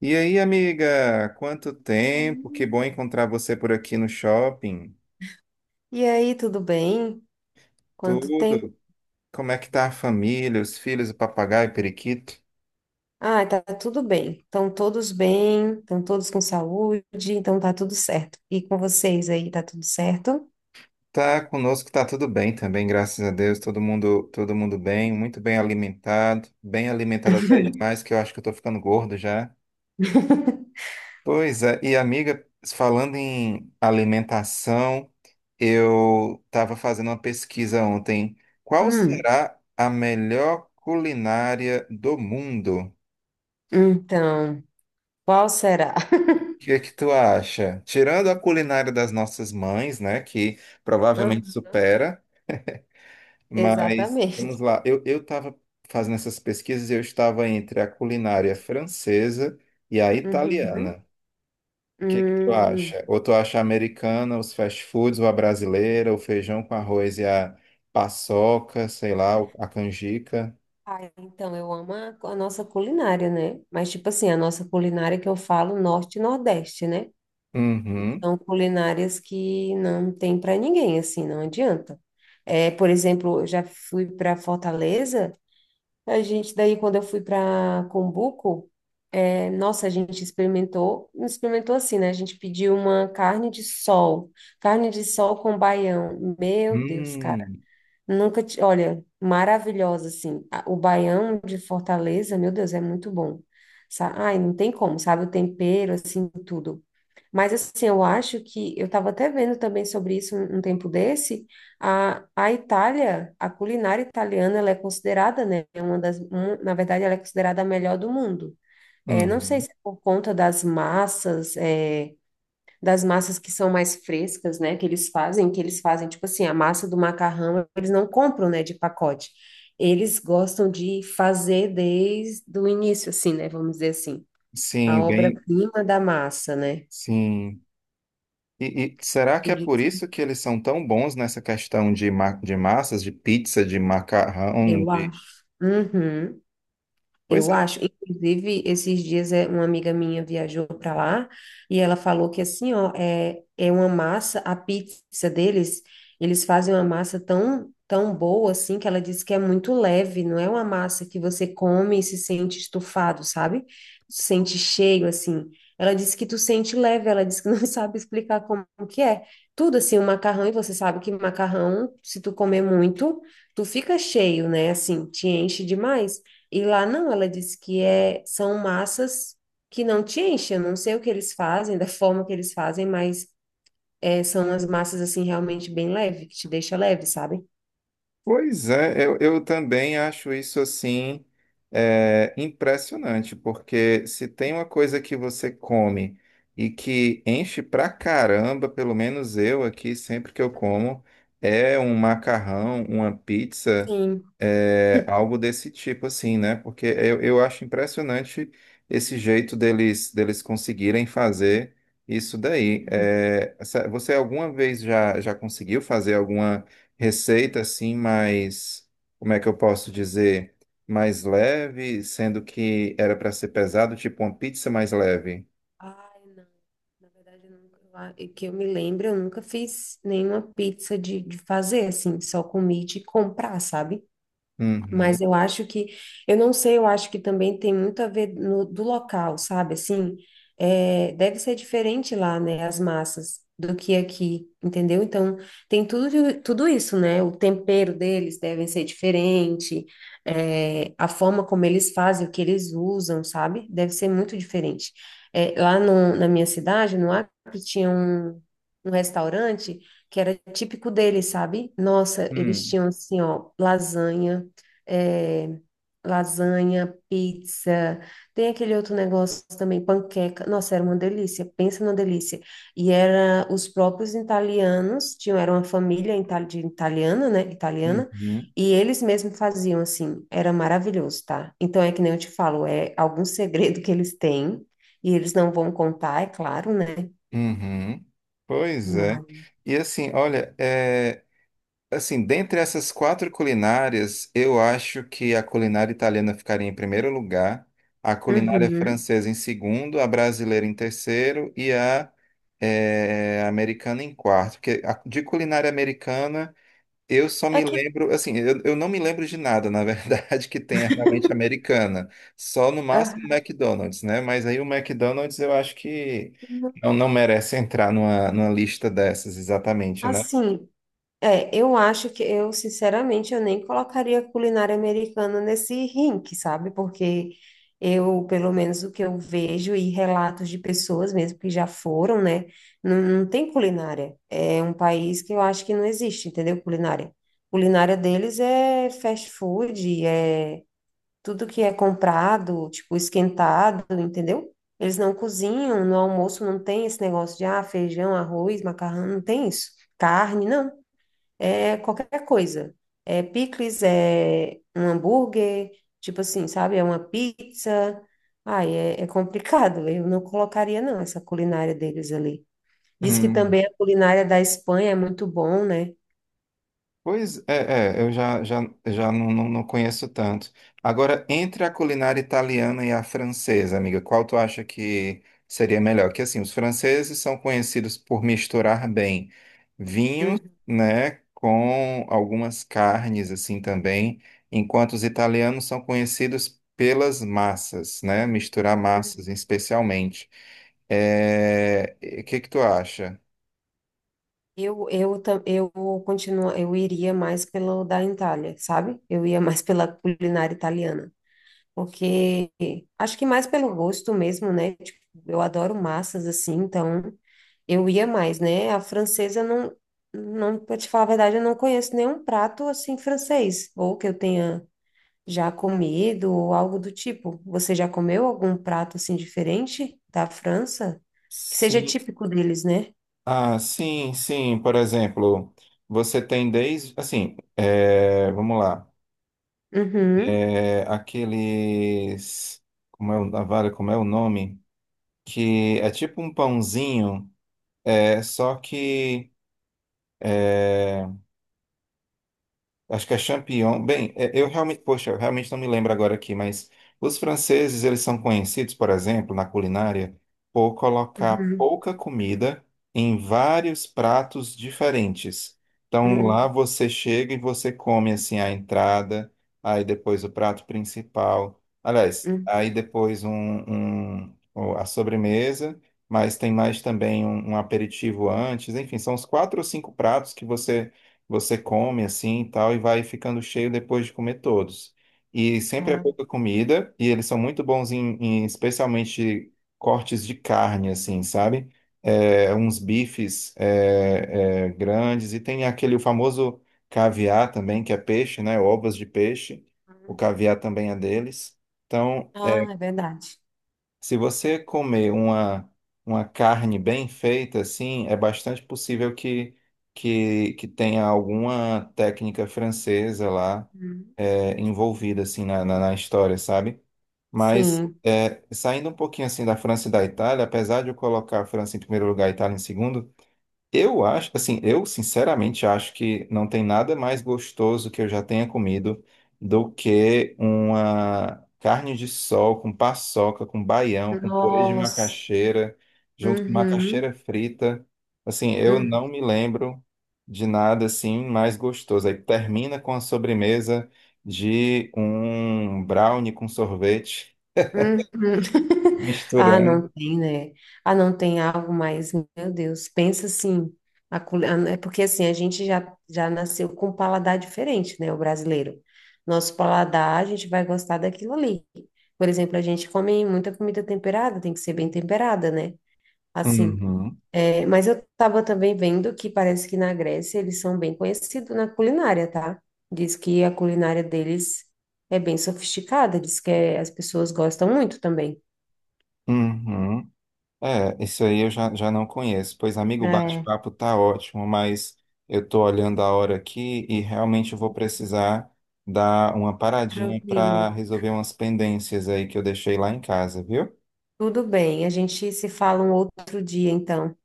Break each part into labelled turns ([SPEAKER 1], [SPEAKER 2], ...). [SPEAKER 1] E aí, amiga, quanto tempo? Que
[SPEAKER 2] Hum.
[SPEAKER 1] bom encontrar você por aqui no shopping.
[SPEAKER 2] E aí, tudo bem? Quanto tempo?
[SPEAKER 1] Tudo? Como é que tá a família, os filhos, o papagaio, o periquito?
[SPEAKER 2] Ah, tá tudo bem. Estão todos bem, estão todos com saúde, então tá tudo certo. E com vocês aí, tá tudo certo?
[SPEAKER 1] Tá conosco, tá tudo bem também, graças a Deus. Todo mundo bem, muito bem alimentado até demais, que eu acho que eu tô ficando gordo já. Pois é, e amiga, falando em alimentação, eu estava fazendo uma pesquisa ontem. Qual
[SPEAKER 2] Hum,
[SPEAKER 1] será a melhor culinária do mundo?
[SPEAKER 2] então, qual será?
[SPEAKER 1] O que é que tu acha? Tirando a culinária das nossas mães, né, que provavelmente
[SPEAKER 2] Aham.
[SPEAKER 1] supera, mas vamos
[SPEAKER 2] Exatamente.
[SPEAKER 1] lá. Eu estava fazendo essas pesquisas, e eu estava entre a culinária francesa e a
[SPEAKER 2] Uhum.
[SPEAKER 1] italiana. O que é que tu
[SPEAKER 2] Hum.
[SPEAKER 1] acha? Ou tu acha a americana, os fast foods, ou a brasileira, o feijão com arroz e a paçoca, sei lá, a canjica?
[SPEAKER 2] Ah, então, eu amo a nossa culinária, né? Mas, tipo assim, a nossa culinária que eu falo, norte e nordeste, né? Que
[SPEAKER 1] Uhum.
[SPEAKER 2] são culinárias que não tem para ninguém, assim, não adianta. É, por exemplo, eu já fui para Fortaleza, a gente daí quando eu fui para Cumbuco, nossa, a gente experimentou, experimentou assim, né? A gente pediu uma carne de sol com baião. Meu Deus,
[SPEAKER 1] Hum.
[SPEAKER 2] nunca, olha, maravilhosa, assim. O baião de Fortaleza, meu Deus, é muito bom. Ai, não tem como, sabe? O tempero, assim, tudo. Mas, assim, eu acho que, eu estava até vendo também sobre isso um tempo desse, a Itália, a culinária italiana, ela é considerada, né, uma das, na verdade, ela é considerada a melhor do mundo. É, não sei
[SPEAKER 1] Uhum.
[SPEAKER 2] se é por conta das massas, é, das massas que são mais frescas, né, que eles fazem, tipo assim, a massa do macarrão, eles não compram, né, de pacote. Eles gostam de fazer desde o início, assim, né, vamos dizer assim, a
[SPEAKER 1] Sim, bem,
[SPEAKER 2] obra-prima da massa, né?
[SPEAKER 1] sim. E será que é por
[SPEAKER 2] Eles-
[SPEAKER 1] isso que eles são tão bons nessa questão de, ma de massas, de pizza, de macarrão,
[SPEAKER 2] Eu
[SPEAKER 1] de...
[SPEAKER 2] acho. Uhum.
[SPEAKER 1] Pois
[SPEAKER 2] Eu acho, inclusive, esses dias é, uma amiga minha viajou para lá e ela falou que assim, ó, é, é uma massa, a pizza deles, eles fazem uma massa tão boa assim que ela disse que é muito leve, não é uma massa que você come e se sente estufado, sabe? Se sente cheio assim. Ela disse que tu sente leve, ela disse que não sabe explicar como que é. Tudo assim, o macarrão, e você sabe que macarrão, se tu comer muito, tu fica cheio, né? Assim, te enche demais. E lá não, ela disse que é, são massas que não te enchem. Eu não sei o que eles fazem, da forma que eles fazem, mas é, são as massas assim realmente bem leve, que te deixa leve, sabe?
[SPEAKER 1] Pois é, eu também acho isso assim é, impressionante, porque se tem uma coisa que você come e que enche pra caramba, pelo menos eu aqui, sempre que eu como, é um macarrão, uma pizza,
[SPEAKER 2] Sim.
[SPEAKER 1] é, algo desse tipo assim, né? Porque eu acho impressionante esse jeito deles, deles conseguirem fazer isso daí.
[SPEAKER 2] Uhum.
[SPEAKER 1] É, você alguma vez já, já conseguiu fazer alguma receita assim mais, como é que eu posso dizer, mais leve, sendo que era para ser pesado, tipo uma pizza mais leve.
[SPEAKER 2] Ai, não. Na verdade, eu nunca, e que eu me lembro, eu nunca fiz nenhuma pizza de fazer, assim, só comi de comprar, sabe? Mas
[SPEAKER 1] Uhum,
[SPEAKER 2] eu acho que, eu não sei, eu acho que também tem muito a ver no, do local, sabe? Assim, é, deve ser diferente lá, né? As massas do que aqui, entendeu? Então, tem tudo isso, né? O tempero deles deve ser diferente, é, a forma como eles fazem, o que eles usam, sabe? Deve ser muito diferente. É, lá no- na minha cidade, no Acre, tinha um restaurante que era típico deles, sabe? Nossa, eles
[SPEAKER 1] uhum,
[SPEAKER 2] tinham assim, ó, lasanha, é, lasanha, pizza, tem aquele outro negócio também, panqueca. Nossa, era uma delícia, pensa numa delícia. E era os próprios italianos, tinham, era uma família ita- de italiana, né? Italiana.
[SPEAKER 1] uhum,
[SPEAKER 2] E eles mesmos faziam assim, era maravilhoso, tá? Então é que nem eu te falo, é algum segredo que eles têm, e eles não vão contar, é claro, né?
[SPEAKER 1] uhum. Pois é.
[SPEAKER 2] Mas...
[SPEAKER 1] E assim, olha, é, assim, dentre essas quatro culinárias, eu acho que a culinária italiana ficaria em primeiro lugar, a culinária
[SPEAKER 2] Uhum.
[SPEAKER 1] francesa em segundo, a brasileira em terceiro e a é, americana em quarto, porque de culinária americana eu só
[SPEAKER 2] É
[SPEAKER 1] me
[SPEAKER 2] que,
[SPEAKER 1] lembro, assim, eu não me lembro de nada, na verdade, que tenha realmente americana. Só no máximo
[SPEAKER 2] ah,
[SPEAKER 1] McDonald's, né? Mas aí o McDonald's eu acho que não, não merece entrar numa, numa lista dessas, exatamente, né?
[SPEAKER 2] assim, é, eu acho que eu, sinceramente, eu nem colocaria culinária americana nesse rink, sabe? Porque eu, pelo menos o que eu vejo e relatos de pessoas mesmo que já foram, né? Não tem culinária. É um país que eu acho que não existe, entendeu? Culinária. Culinária deles é fast food, é tudo que é comprado, tipo esquentado, entendeu? Eles não cozinham, no almoço não tem esse negócio de ah, feijão, arroz, macarrão, não tem isso. Carne, não. É qualquer coisa. É picles, é um hambúrguer, tipo assim, sabe? É uma pizza. Ai, é, é complicado. Eu não colocaria, não, essa culinária deles ali. Diz que
[SPEAKER 1] Hum.
[SPEAKER 2] também a culinária da Espanha é muito bom, né?
[SPEAKER 1] Pois é, é, eu já, já, já não, não, não conheço tanto. Agora, entre a culinária italiana e a francesa, amiga, qual tu acha que seria melhor? Que assim, os franceses são conhecidos por misturar bem vinhos, né, com algumas carnes assim também, enquanto os italianos são conhecidos pelas massas, né, misturar
[SPEAKER 2] Uhum.
[SPEAKER 1] massas especialmente. É, e o que que tu acha?
[SPEAKER 2] Eu continuo, eu iria mais pelo da Itália, sabe? Eu ia mais pela culinária italiana, porque acho que mais pelo gosto mesmo, né? Tipo, eu adoro massas assim, então eu ia mais, né? A francesa não, para te falar a verdade, eu não conheço nenhum prato assim francês, ou que eu tenha já comido ou algo do tipo. Você já comeu algum prato assim diferente da França? Que seja
[SPEAKER 1] Sim,
[SPEAKER 2] típico deles, né?
[SPEAKER 1] ah, sim, sim. Por exemplo, você tem desde, assim, é, vamos lá,
[SPEAKER 2] Uhum.
[SPEAKER 1] é, aqueles, como é o, vale, como é o nome? Que é tipo um pãozinho, é só que acho que é champignon. Bem, é, eu realmente, poxa, eu realmente não me lembro agora aqui, mas os franceses, eles são conhecidos, por exemplo, na culinária, por colocar
[SPEAKER 2] Uhum.
[SPEAKER 1] pouca comida em vários pratos diferentes. Então, lá
[SPEAKER 2] Hum,
[SPEAKER 1] você chega e você come, assim, a entrada, aí depois o prato principal. Aliás,
[SPEAKER 2] hum,
[SPEAKER 1] aí depois um, a sobremesa, mas tem mais também um aperitivo antes. Enfim, são os quatro ou cinco pratos que você come assim e tal, e vai ficando cheio depois de comer todos. E sempre é
[SPEAKER 2] ah,
[SPEAKER 1] pouca comida, e eles são muito bons em, em especialmente cortes de carne, assim, sabe? É, uns bifes é, é, grandes, e tem aquele famoso caviar também, que é peixe, né? Ovas de peixe. O
[SPEAKER 2] uhum.
[SPEAKER 1] caviar também é deles. Então.
[SPEAKER 2] Ah, é verdade.
[SPEAKER 1] Se você comer uma carne bem feita, assim, é bastante possível que tenha alguma técnica francesa lá
[SPEAKER 2] Uhum.
[SPEAKER 1] é, envolvida, assim, na, na, na história, sabe? Mas
[SPEAKER 2] Sim.
[SPEAKER 1] é, saindo um pouquinho, assim, da França e da Itália, apesar de eu colocar a França em primeiro lugar e a Itália em segundo, eu acho, assim, eu sinceramente acho que não tem nada mais gostoso que eu já tenha comido do que uma carne de sol com paçoca, com baião, com purê de
[SPEAKER 2] Nossa.
[SPEAKER 1] macaxeira, junto com
[SPEAKER 2] Uhum.
[SPEAKER 1] macaxeira frita. Assim, eu
[SPEAKER 2] Uhum.
[SPEAKER 1] não me lembro de nada assim mais gostoso. Aí termina com a sobremesa de um brownie com sorvete,
[SPEAKER 2] Uhum. Ah, não
[SPEAKER 1] misturando.
[SPEAKER 2] tem, né? Ah, não tem algo mais. Meu Deus, pensa assim. É porque assim, a gente já nasceu com um paladar diferente, né? O brasileiro. Nosso paladar, a gente vai gostar daquilo ali. Por exemplo, a gente come muita comida temperada, tem que ser bem temperada, né? Assim.
[SPEAKER 1] Uhum,
[SPEAKER 2] É, mas eu estava também vendo que parece que na Grécia eles são bem conhecidos na culinária, tá? Diz que a culinária deles é bem sofisticada, diz que as pessoas gostam muito também.
[SPEAKER 1] uhum. É, isso aí eu já, já não conheço. Pois, amigo, o
[SPEAKER 2] É,
[SPEAKER 1] bate-papo tá ótimo, mas eu tô olhando a hora aqui e realmente eu vou precisar dar uma paradinha para
[SPEAKER 2] tranquilo.
[SPEAKER 1] resolver umas pendências aí que eu deixei lá em casa, viu?
[SPEAKER 2] Tudo bem, a gente se fala um outro dia, então.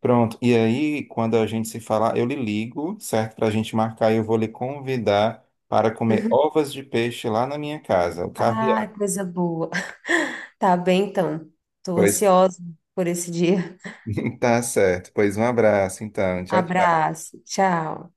[SPEAKER 1] Pronto. E aí, quando a gente se falar, eu lhe ligo, certo? Para a gente marcar e eu vou lhe convidar para comer ovas de peixe lá na minha casa, o
[SPEAKER 2] Ah,
[SPEAKER 1] caviar.
[SPEAKER 2] coisa boa. Tá bem, então. Estou
[SPEAKER 1] Pois,
[SPEAKER 2] ansiosa por esse dia.
[SPEAKER 1] tá certo. Pois um abraço, então. Tchau, tchau.
[SPEAKER 2] Abraço, tchau.